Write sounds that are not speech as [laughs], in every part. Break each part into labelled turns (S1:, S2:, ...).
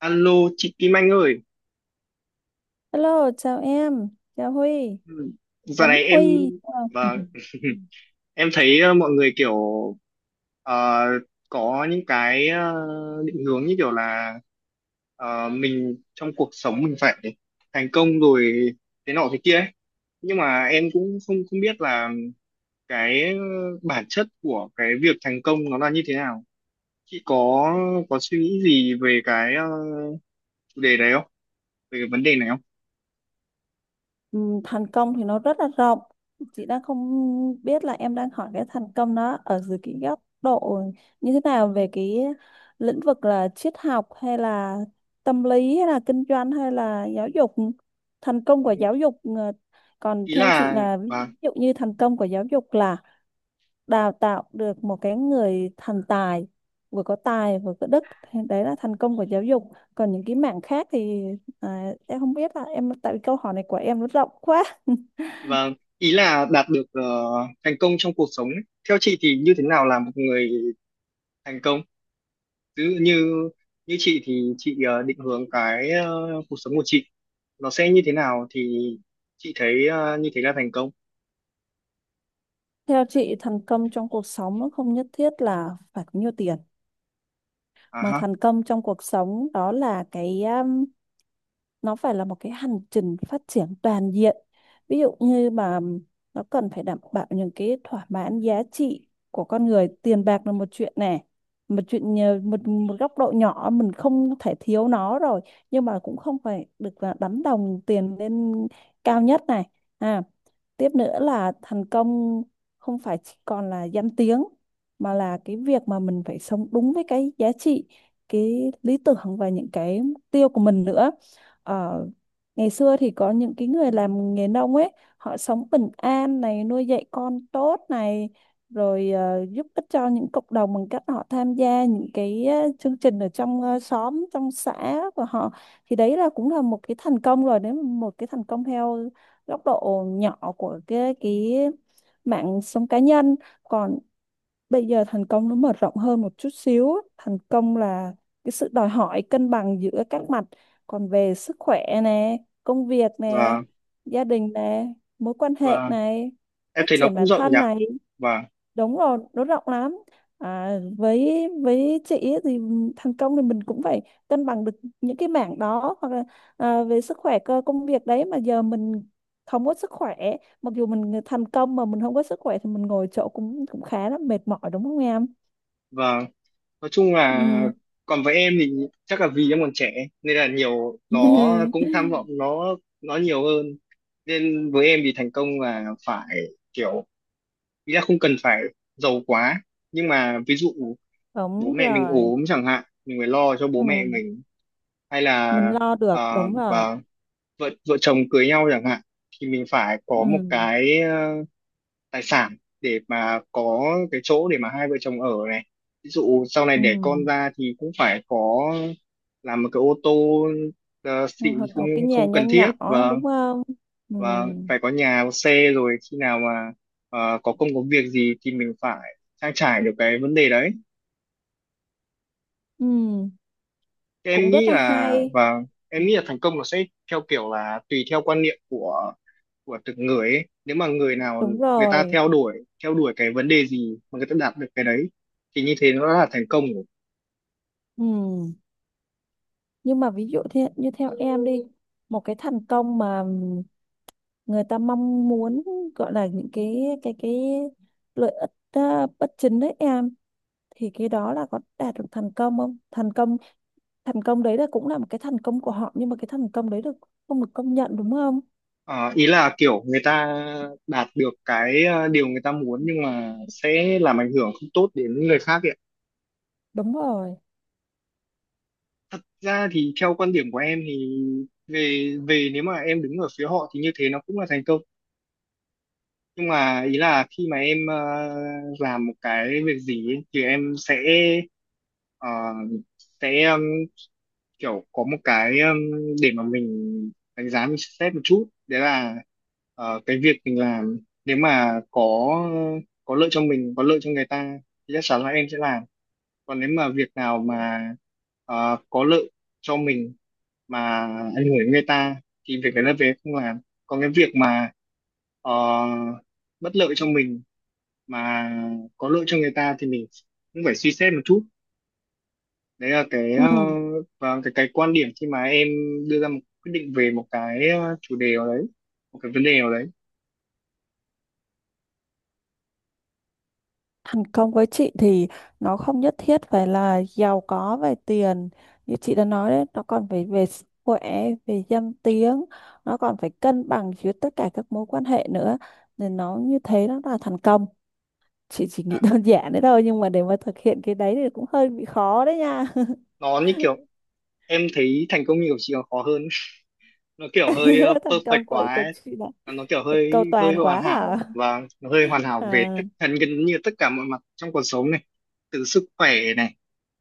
S1: Alo, chị Kim Anh ơi.
S2: Hello, chào em, chào Huy,
S1: Ừ, giờ
S2: Tuấn
S1: này em
S2: Huy.
S1: và [laughs] em thấy mọi người kiểu ờ, có những cái định hướng như kiểu là mình trong cuộc sống mình phải thành công rồi thế nọ thế kia ấy. Nhưng mà em cũng không không biết là cái bản chất của cái việc thành công nó là như thế nào. Chị có suy nghĩ gì về cái chủ đề này không? Về cái vấn đề này không?
S2: Ừ, thành công thì nó rất là rộng. Chị đang không biết là em đang hỏi cái thành công nó ở dưới cái góc độ như thế nào, về cái lĩnh vực là triết học hay là tâm lý hay là kinh doanh hay là giáo dục. Thành công của giáo dục còn
S1: Ý
S2: theo chị
S1: là
S2: là ví dụ như thành công của giáo dục là đào tạo được một cái người thành tài, vừa có tài vừa có đức, thì đấy là thành công của giáo dục. Còn những cái mảng khác thì... À, em không biết là em, tại vì câu hỏi này của em nó rộng quá. [laughs]
S1: vâng, ý là đạt được thành công trong cuộc sống ấy. Theo chị thì như thế nào là một người thành công? Ví dụ như như chị thì chị định hướng cái cuộc sống của chị nó sẽ như thế nào thì chị thấy như thế là thành công.
S2: Theo chị thành công trong cuộc sống nó không nhất thiết là phải có nhiều tiền,
S1: À
S2: mà
S1: ha,
S2: thành công trong cuộc sống đó là cái nó phải là một cái hành trình phát triển toàn diện. Ví dụ như mà nó cần phải đảm bảo những cái thỏa mãn giá trị của con người. Tiền bạc là một chuyện này, một chuyện nhờ- một một góc độ nhỏ mình không thể thiếu nó rồi, nhưng mà cũng không phải được là đánh đồng tiền lên cao nhất này. À, tiếp nữa là thành công không phải chỉ còn là danh tiếng, mà là cái việc mà mình phải sống đúng với cái giá trị, cái lý tưởng và những cái mục tiêu của mình nữa. Ở ngày xưa thì có những cái người làm nghề nông ấy, họ sống bình an này, nuôi dạy con tốt này, rồi giúp ích cho những cộng đồng bằng cách họ tham gia những cái chương trình ở trong xóm, trong xã của họ. Thì đấy là cũng là một cái thành công rồi, đấy là một cái thành công theo góc độ nhỏ của cái mạng sống cá nhân. Còn bây giờ thành công nó mở rộng hơn một chút xíu á. Thành công là cái sự đòi hỏi cân bằng giữa các mặt, còn về sức khỏe nè, công việc nè,
S1: và
S2: gia đình nè, mối quan hệ
S1: và
S2: này,
S1: em
S2: phát
S1: thấy nó
S2: triển
S1: cũng
S2: bản
S1: rộng nhỉ.
S2: thân này.
S1: Và
S2: Đúng rồi, nó rộng lắm. À, với chị ấy thì thành công thì mình cũng phải cân bằng được những cái mảng đó, hoặc là à, về sức khỏe cơ công việc đấy, mà giờ mình không có sức khỏe. Mặc dù mình thành công mà mình không có sức khỏe thì mình ngồi chỗ cũng cũng khá là mệt mỏi, đúng không em.
S1: và nói chung là
S2: Ừ.
S1: còn với em thì chắc là vì em còn trẻ nên là nhiều nó cũng tham
S2: [laughs]
S1: vọng nó nhiều hơn. Nên với em thì thành công là phải kiểu, ý là không cần phải giàu quá, nhưng mà ví dụ bố
S2: Đúng
S1: mẹ mình
S2: rồi.
S1: ốm chẳng hạn mình phải lo cho
S2: Ừ.
S1: bố mẹ mình, hay
S2: Mình
S1: là
S2: lo được,
S1: uh,
S2: đúng rồi.
S1: vợ vợ chồng cưới nhau chẳng hạn thì mình phải có một
S2: Ừ.
S1: cái tài sản để mà có cái chỗ để mà hai vợ chồng ở này, ví dụ sau này
S2: Ừ.
S1: đẻ con ra thì cũng phải có làm một cái ô tô xịn thì
S2: Hoặc là
S1: không
S2: một cái nhà
S1: không
S2: nhỏ
S1: cần thiết.
S2: nhỏ,
S1: và
S2: đúng không. Ừ.
S1: và phải có nhà có xe, rồi khi nào mà có công có việc gì thì mình phải trang trải được cái vấn đề đấy.
S2: Ừ.
S1: Thế em
S2: Cũng rất
S1: nghĩ
S2: là
S1: là,
S2: hay.
S1: thành công nó sẽ theo kiểu là tùy theo quan niệm của từng người ấy. Nếu mà người nào
S2: Đúng
S1: người ta
S2: rồi.
S1: theo đuổi cái vấn đề gì mà người ta đạt được cái đấy thì như thế nó là thành công rồi.
S2: Ừ. Nhưng mà ví dụ thế, như theo em đi, một cái thành công mà người ta mong muốn, gọi là những cái lợi ích à, bất chính đấy em, thì cái đó là có đạt được thành công không? thành công đấy là cũng là một cái thành công của họ, nhưng mà cái thành công đấy được không được công nhận, đúng không?
S1: Ờ, ý là kiểu người ta đạt được cái điều người ta muốn, nhưng mà sẽ làm ảnh hưởng không tốt đến người khác ấy ạ.
S2: Đúng rồi.
S1: Thật ra thì theo quan điểm của em thì về về nếu mà em đứng ở phía họ thì như thế nó cũng là thành công, nhưng mà ý là khi mà em làm một cái việc gì ấy, thì em sẽ ờ, sẽ um, kiểu có một cái, để mà mình đánh giá mình xét một chút. Đấy là cái việc mình làm, nếu mà có lợi cho mình có lợi cho người ta thì chắc chắn là em sẽ làm. Còn nếu mà việc nào mà có lợi cho mình mà ảnh hưởng đến người ta thì việc đấy là về không làm. Còn cái việc mà ờ, bất lợi cho mình mà có lợi cho người ta thì mình cũng phải suy xét một chút. Đấy là cái ờ,
S2: Ừ.
S1: và cái quan điểm khi mà em đưa ra một quyết định về một cái chủ đề nào đấy, một cái vấn đề nào đấy.
S2: Thành công với chị thì nó không nhất thiết phải là giàu có về tiền, như chị đã nói đấy, nó còn phải về sức khỏe, về danh tiếng, nó còn phải cân bằng giữa tất cả các mối quan hệ nữa, nên nó như thế nó là thành công. Chị chỉ nghĩ
S1: À,
S2: [laughs] đơn giản đấy thôi, nhưng mà để mà thực hiện cái đấy thì cũng hơi bị khó đấy nha.
S1: nó như kiểu em thấy thành công như của chị còn khó hơn, [laughs] nó kiểu hơi
S2: [laughs] Thành
S1: perfect
S2: công của
S1: quá
S2: của
S1: ấy.
S2: chị là
S1: Nó kiểu
S2: [laughs]
S1: hơi
S2: cầu
S1: hơi
S2: toàn
S1: hoàn
S2: quá hả?
S1: hảo, và nó hơi hoàn hảo về tất
S2: À,
S1: gần gần như tất cả mọi mặt trong cuộc sống này, từ sức khỏe này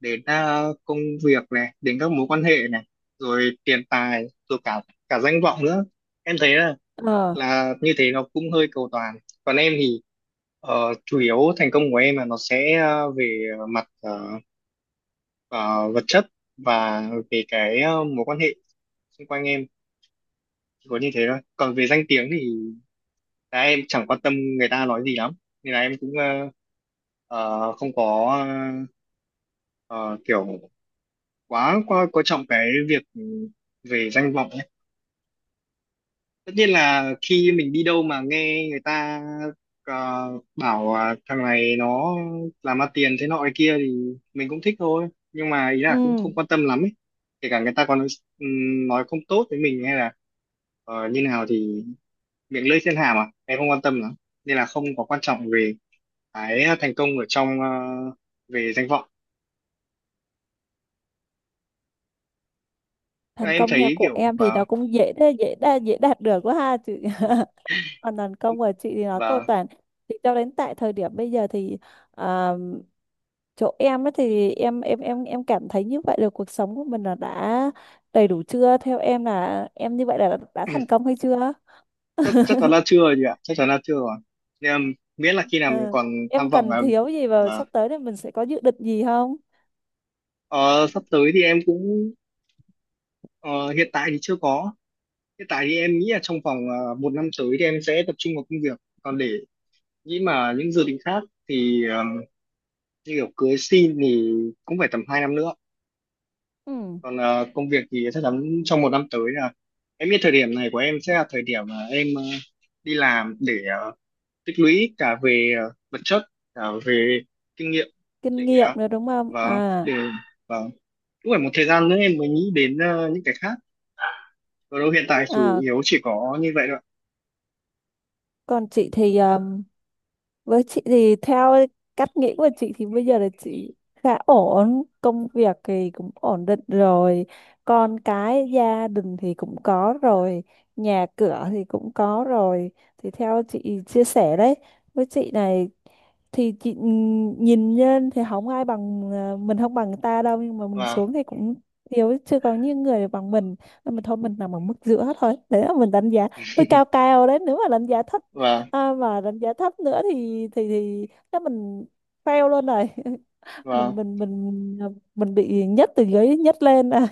S1: đến công việc này đến các mối quan hệ này, rồi tiền tài rồi cả cả danh vọng nữa. Em thấy là
S2: ờ,
S1: là như thế nó cũng hơi cầu toàn. Còn em thì chủ yếu thành công của em là nó sẽ về mặt ờ, vật chất và về cái mối quan hệ xung quanh em, chỉ có như thế thôi. Còn về danh tiếng thì là em chẳng quan tâm người ta nói gì lắm, nên là em cũng không có ờ, kiểu quá quá coi trọng cái việc về danh vọng. Tất nhiên là khi mình đi đâu mà nghe người ta ờ, bảo à, thằng này nó làm ra tiền thế nọ cái kia thì mình cũng thích thôi, nhưng mà ý là cũng
S2: ừ.
S1: không quan tâm lắm ấy. Kể cả người ta còn nói không tốt với mình hay là như nào thì miệng lưỡi trên hàm à, em không quan tâm lắm, nên là không có quan trọng về cái thành công ở trong, về danh vọng.
S2: Thành
S1: Em
S2: công theo
S1: thấy
S2: của
S1: kiểu,
S2: em thì nó cũng dễ thế, dễ đa dễ đạt được quá ha chị, còn đàn công của chị thì nó cầu
S1: và
S2: toàn, thì cho đến tại thời điểm bây giờ thì à, chỗ em ấy thì em cảm thấy như vậy là cuộc sống của mình là đã đầy đủ chưa, theo em là em như vậy là đã thành công hay chưa.
S1: chắc
S2: [laughs]
S1: chắc chắn là chưa rồi chị ạ, chắc chắn là chưa rồi. Nhưng mà miễn là khi nào mình
S2: Ờ,
S1: còn tham
S2: em
S1: vọng
S2: cần
S1: là
S2: thiếu gì và
S1: là
S2: sắp tới thì mình sẽ có dự định gì không?
S1: ờ, sắp tới thì em cũng ờ, hiện tại thì chưa có. Hiện tại thì em nghĩ là trong vòng một năm tới thì em sẽ tập trung vào công việc. Còn để nghĩ mà những dự định khác thì như kiểu cưới xin thì cũng phải tầm 2 năm nữa.
S2: Ừ.
S1: Còn công việc thì chắc chắn trong một năm tới là em biết thời điểm này của em sẽ là thời điểm mà em đi làm để ờ, tích lũy cả về vật chất cả về kinh nghiệm
S2: Kinh
S1: để
S2: nghiệm nữa đúng không
S1: vâng,
S2: à.
S1: để vâng, cũng phải một thời gian nữa em mới nghĩ đến những cái khác. Còn đâu hiện tại chủ
S2: À,
S1: yếu chỉ có như vậy thôi ạ.
S2: còn chị thì với chị thì theo cách nghĩ của chị thì bây giờ là chị khá ổn, công việc thì cũng ổn định rồi, con cái gia đình thì cũng có rồi, nhà cửa thì cũng có rồi. Thì theo chị chia sẻ đấy, với chị này thì chị nhìn nhân thì không ai bằng à, mình không bằng người ta đâu, nhưng mà mình
S1: Vâng.
S2: xuống thì cũng thiếu chưa có những người bằng mình, nên mình thôi mình nằm ở mức giữa thôi, đấy là mình đánh giá hơi cao
S1: [laughs]
S2: cao đấy, nếu mà đánh giá thấp
S1: Vâng.
S2: à, mà đánh giá thấp nữa thì chắc mình fail luôn rồi. [laughs] mình
S1: Vâng.
S2: mình mình mình bị nhất từ dưới nhất lên à.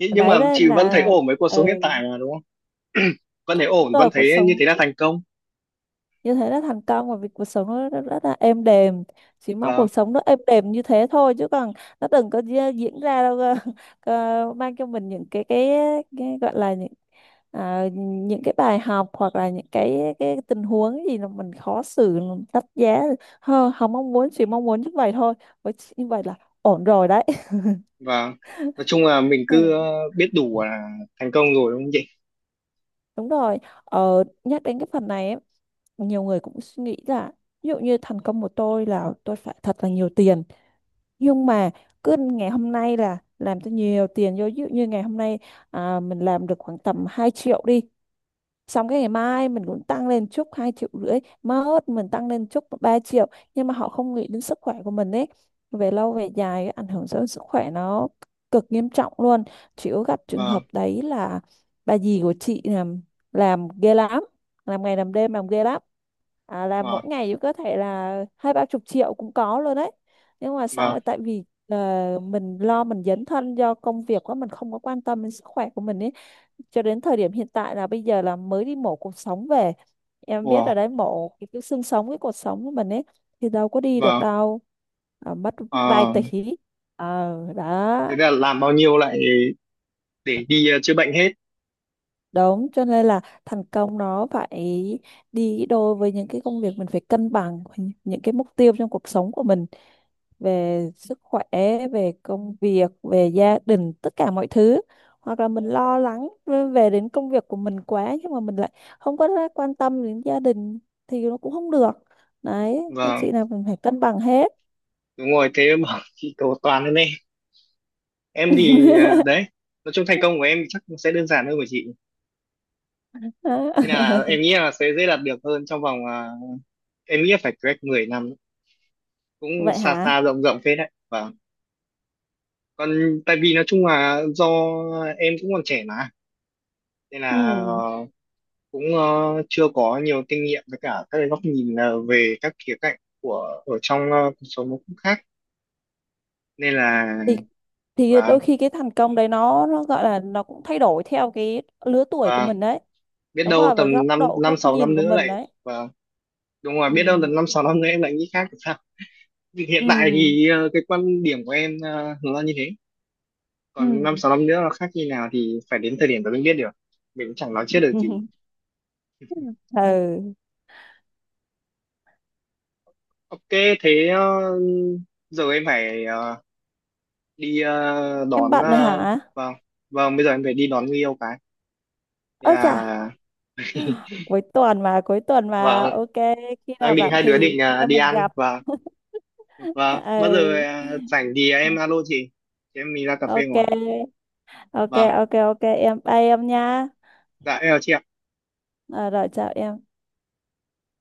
S1: Nh- nhưng mà
S2: Đấy đấy
S1: chị vẫn thấy
S2: là
S1: ổn với cuộc sống hiện
S2: ừ,
S1: tại mà đúng không? [clears throat] Vẫn thấy
S2: đúng
S1: ổn, vẫn
S2: rồi. Cuộc
S1: thấy như
S2: sống
S1: thế là thành công.
S2: như thế là thành công, và vì cuộc sống nó rất, rất là êm đềm, chỉ mong
S1: Vâng.
S2: cuộc sống nó êm đềm như thế thôi, chứ còn nó đừng có diễn ra đâu cơ. [laughs] Cơ mang cho mình những cái gọi là những à, những cái bài học, hoặc là những cái tình huống gì mà mình khó xử, mình đắt giá. Hơ, không mong muốn, chỉ mong muốn như vậy thôi, với chị như vậy là ổn rồi đấy. [laughs]
S1: Vâng, nói chung là mình
S2: Ừ,
S1: cứ biết đủ là thành công rồi đúng không chị?
S2: đúng rồi. Nhắc đến cái phần này ấy, nhiều người cũng suy nghĩ là ví dụ như thành công của tôi là tôi phải thật là nhiều tiền, nhưng mà cứ ngày hôm nay là làm cho nhiều tiền vô. Ví dụ như ngày hôm nay à, mình làm được khoảng tầm 2 triệu đi, xong cái ngày mai mình cũng tăng lên chút 2,5 triệu, mốt mình tăng lên chút 3 triệu, nhưng mà họ không nghĩ đến sức khỏe của mình ấy. Về lâu về dài ảnh hưởng tới sức khỏe nó cực nghiêm trọng luôn. Chị có gặp trường
S1: Vâng.
S2: hợp đấy là bà dì của chị làm ghê lắm, làm ngày làm đêm, làm ghê lắm. À, làm mỗi
S1: Vâng.
S2: ngày cũng có thể là hai ba chục triệu cũng có luôn đấy, nhưng mà xong
S1: Vâng.
S2: rồi tại vì mình lo mình dấn thân do công việc quá, mình không có quan tâm đến sức khỏe của mình ấy, cho đến thời điểm hiện tại là bây giờ là mới đi mổ cột sống về. Em biết ở
S1: Vâng.
S2: đấy mổ cái xương sống cái cột sống của mình ấy, thì đâu có đi được
S1: Vâng.
S2: đâu. À, mất vài
S1: Ờ,
S2: tỷ. Ờ
S1: thế
S2: đó.
S1: là làm bao nhiêu lại để đi chữa bệnh hết.
S2: Đúng, cho nên là thành công nó phải đi đôi với những cái công việc, mình phải cân bằng những cái mục tiêu trong cuộc sống của mình, về sức khỏe, về công việc, về gia đình, tất cả mọi thứ. Hoặc là mình lo lắng về đến công việc của mình quá, nhưng mà mình lại không có ra quan tâm đến gia đình, thì nó cũng không được. Đấy nên
S1: Vâng,
S2: chị nào mình phải cân bằng hết.
S1: đúng rồi thế mà [laughs] chị cầu toàn lên. Em thì à,
S2: [laughs]
S1: đấy, nói chung thành công của em chắc sẽ đơn giản hơn của chị,
S2: Đó.
S1: nên là em
S2: [laughs]
S1: nghĩ là sẽ dễ đạt được hơn, trong vòng à, em nghĩ là phải cách 10 năm, cũng
S2: Vậy
S1: xa xa
S2: hả?
S1: rộng rộng phết đấy. Và còn tại vì nói chung là do em cũng còn trẻ mà, nên
S2: Ừ,
S1: là cũng chưa có nhiều kinh nghiệm, với cả các cái góc nhìn về các khía cạnh của ở trong cuộc sống nó cũng khác. Nên là
S2: thì thì
S1: và
S2: đôi khi cái thành công đấy nó gọi là nó cũng thay đổi theo cái lứa tuổi của
S1: và
S2: mình đấy.
S1: biết
S2: Đúng
S1: đâu
S2: rồi, và
S1: tầm
S2: góc
S1: năm
S2: độ,
S1: năm
S2: góc
S1: sáu
S2: nhìn
S1: năm
S2: của
S1: nữa
S2: mình
S1: lại,
S2: đấy.
S1: và đúng rồi biết đâu
S2: Ừ.
S1: tầm năm sáu năm nữa em lại nghĩ khác. Thì hiện tại
S2: Ừ.
S1: thì cái quan điểm của em nó là như thế, còn năm
S2: Ừ.
S1: sáu năm nữa nó khác như nào thì phải đến thời điểm đó mới biết được, mình cũng chẳng nói trước được gì.
S2: [laughs] Ừ.
S1: Ok, thế giờ em phải đi
S2: Em
S1: đón
S2: bận rồi hả?
S1: vâng. Vâng, bây giờ em phải đi đón người yêu cái. Thế
S2: Ơ chà,
S1: là
S2: cuối tuần mà,
S1: vâng,
S2: ok, khi
S1: đang
S2: nào
S1: định,
S2: rảnh
S1: hai đứa
S2: thì
S1: định
S2: chị em
S1: đi
S2: mình
S1: ăn.
S2: gặp.
S1: Vâng.
S2: [laughs]
S1: Vâng, bao
S2: Ừ.
S1: giờ rảnh thì em alo chị em mình ra cà phê
S2: Ok,
S1: ngồi.
S2: ok,
S1: Vâng.
S2: ok, ok. Em bye em nha.
S1: Dạ em chào chị ạ.
S2: Ờ, rồi chào em.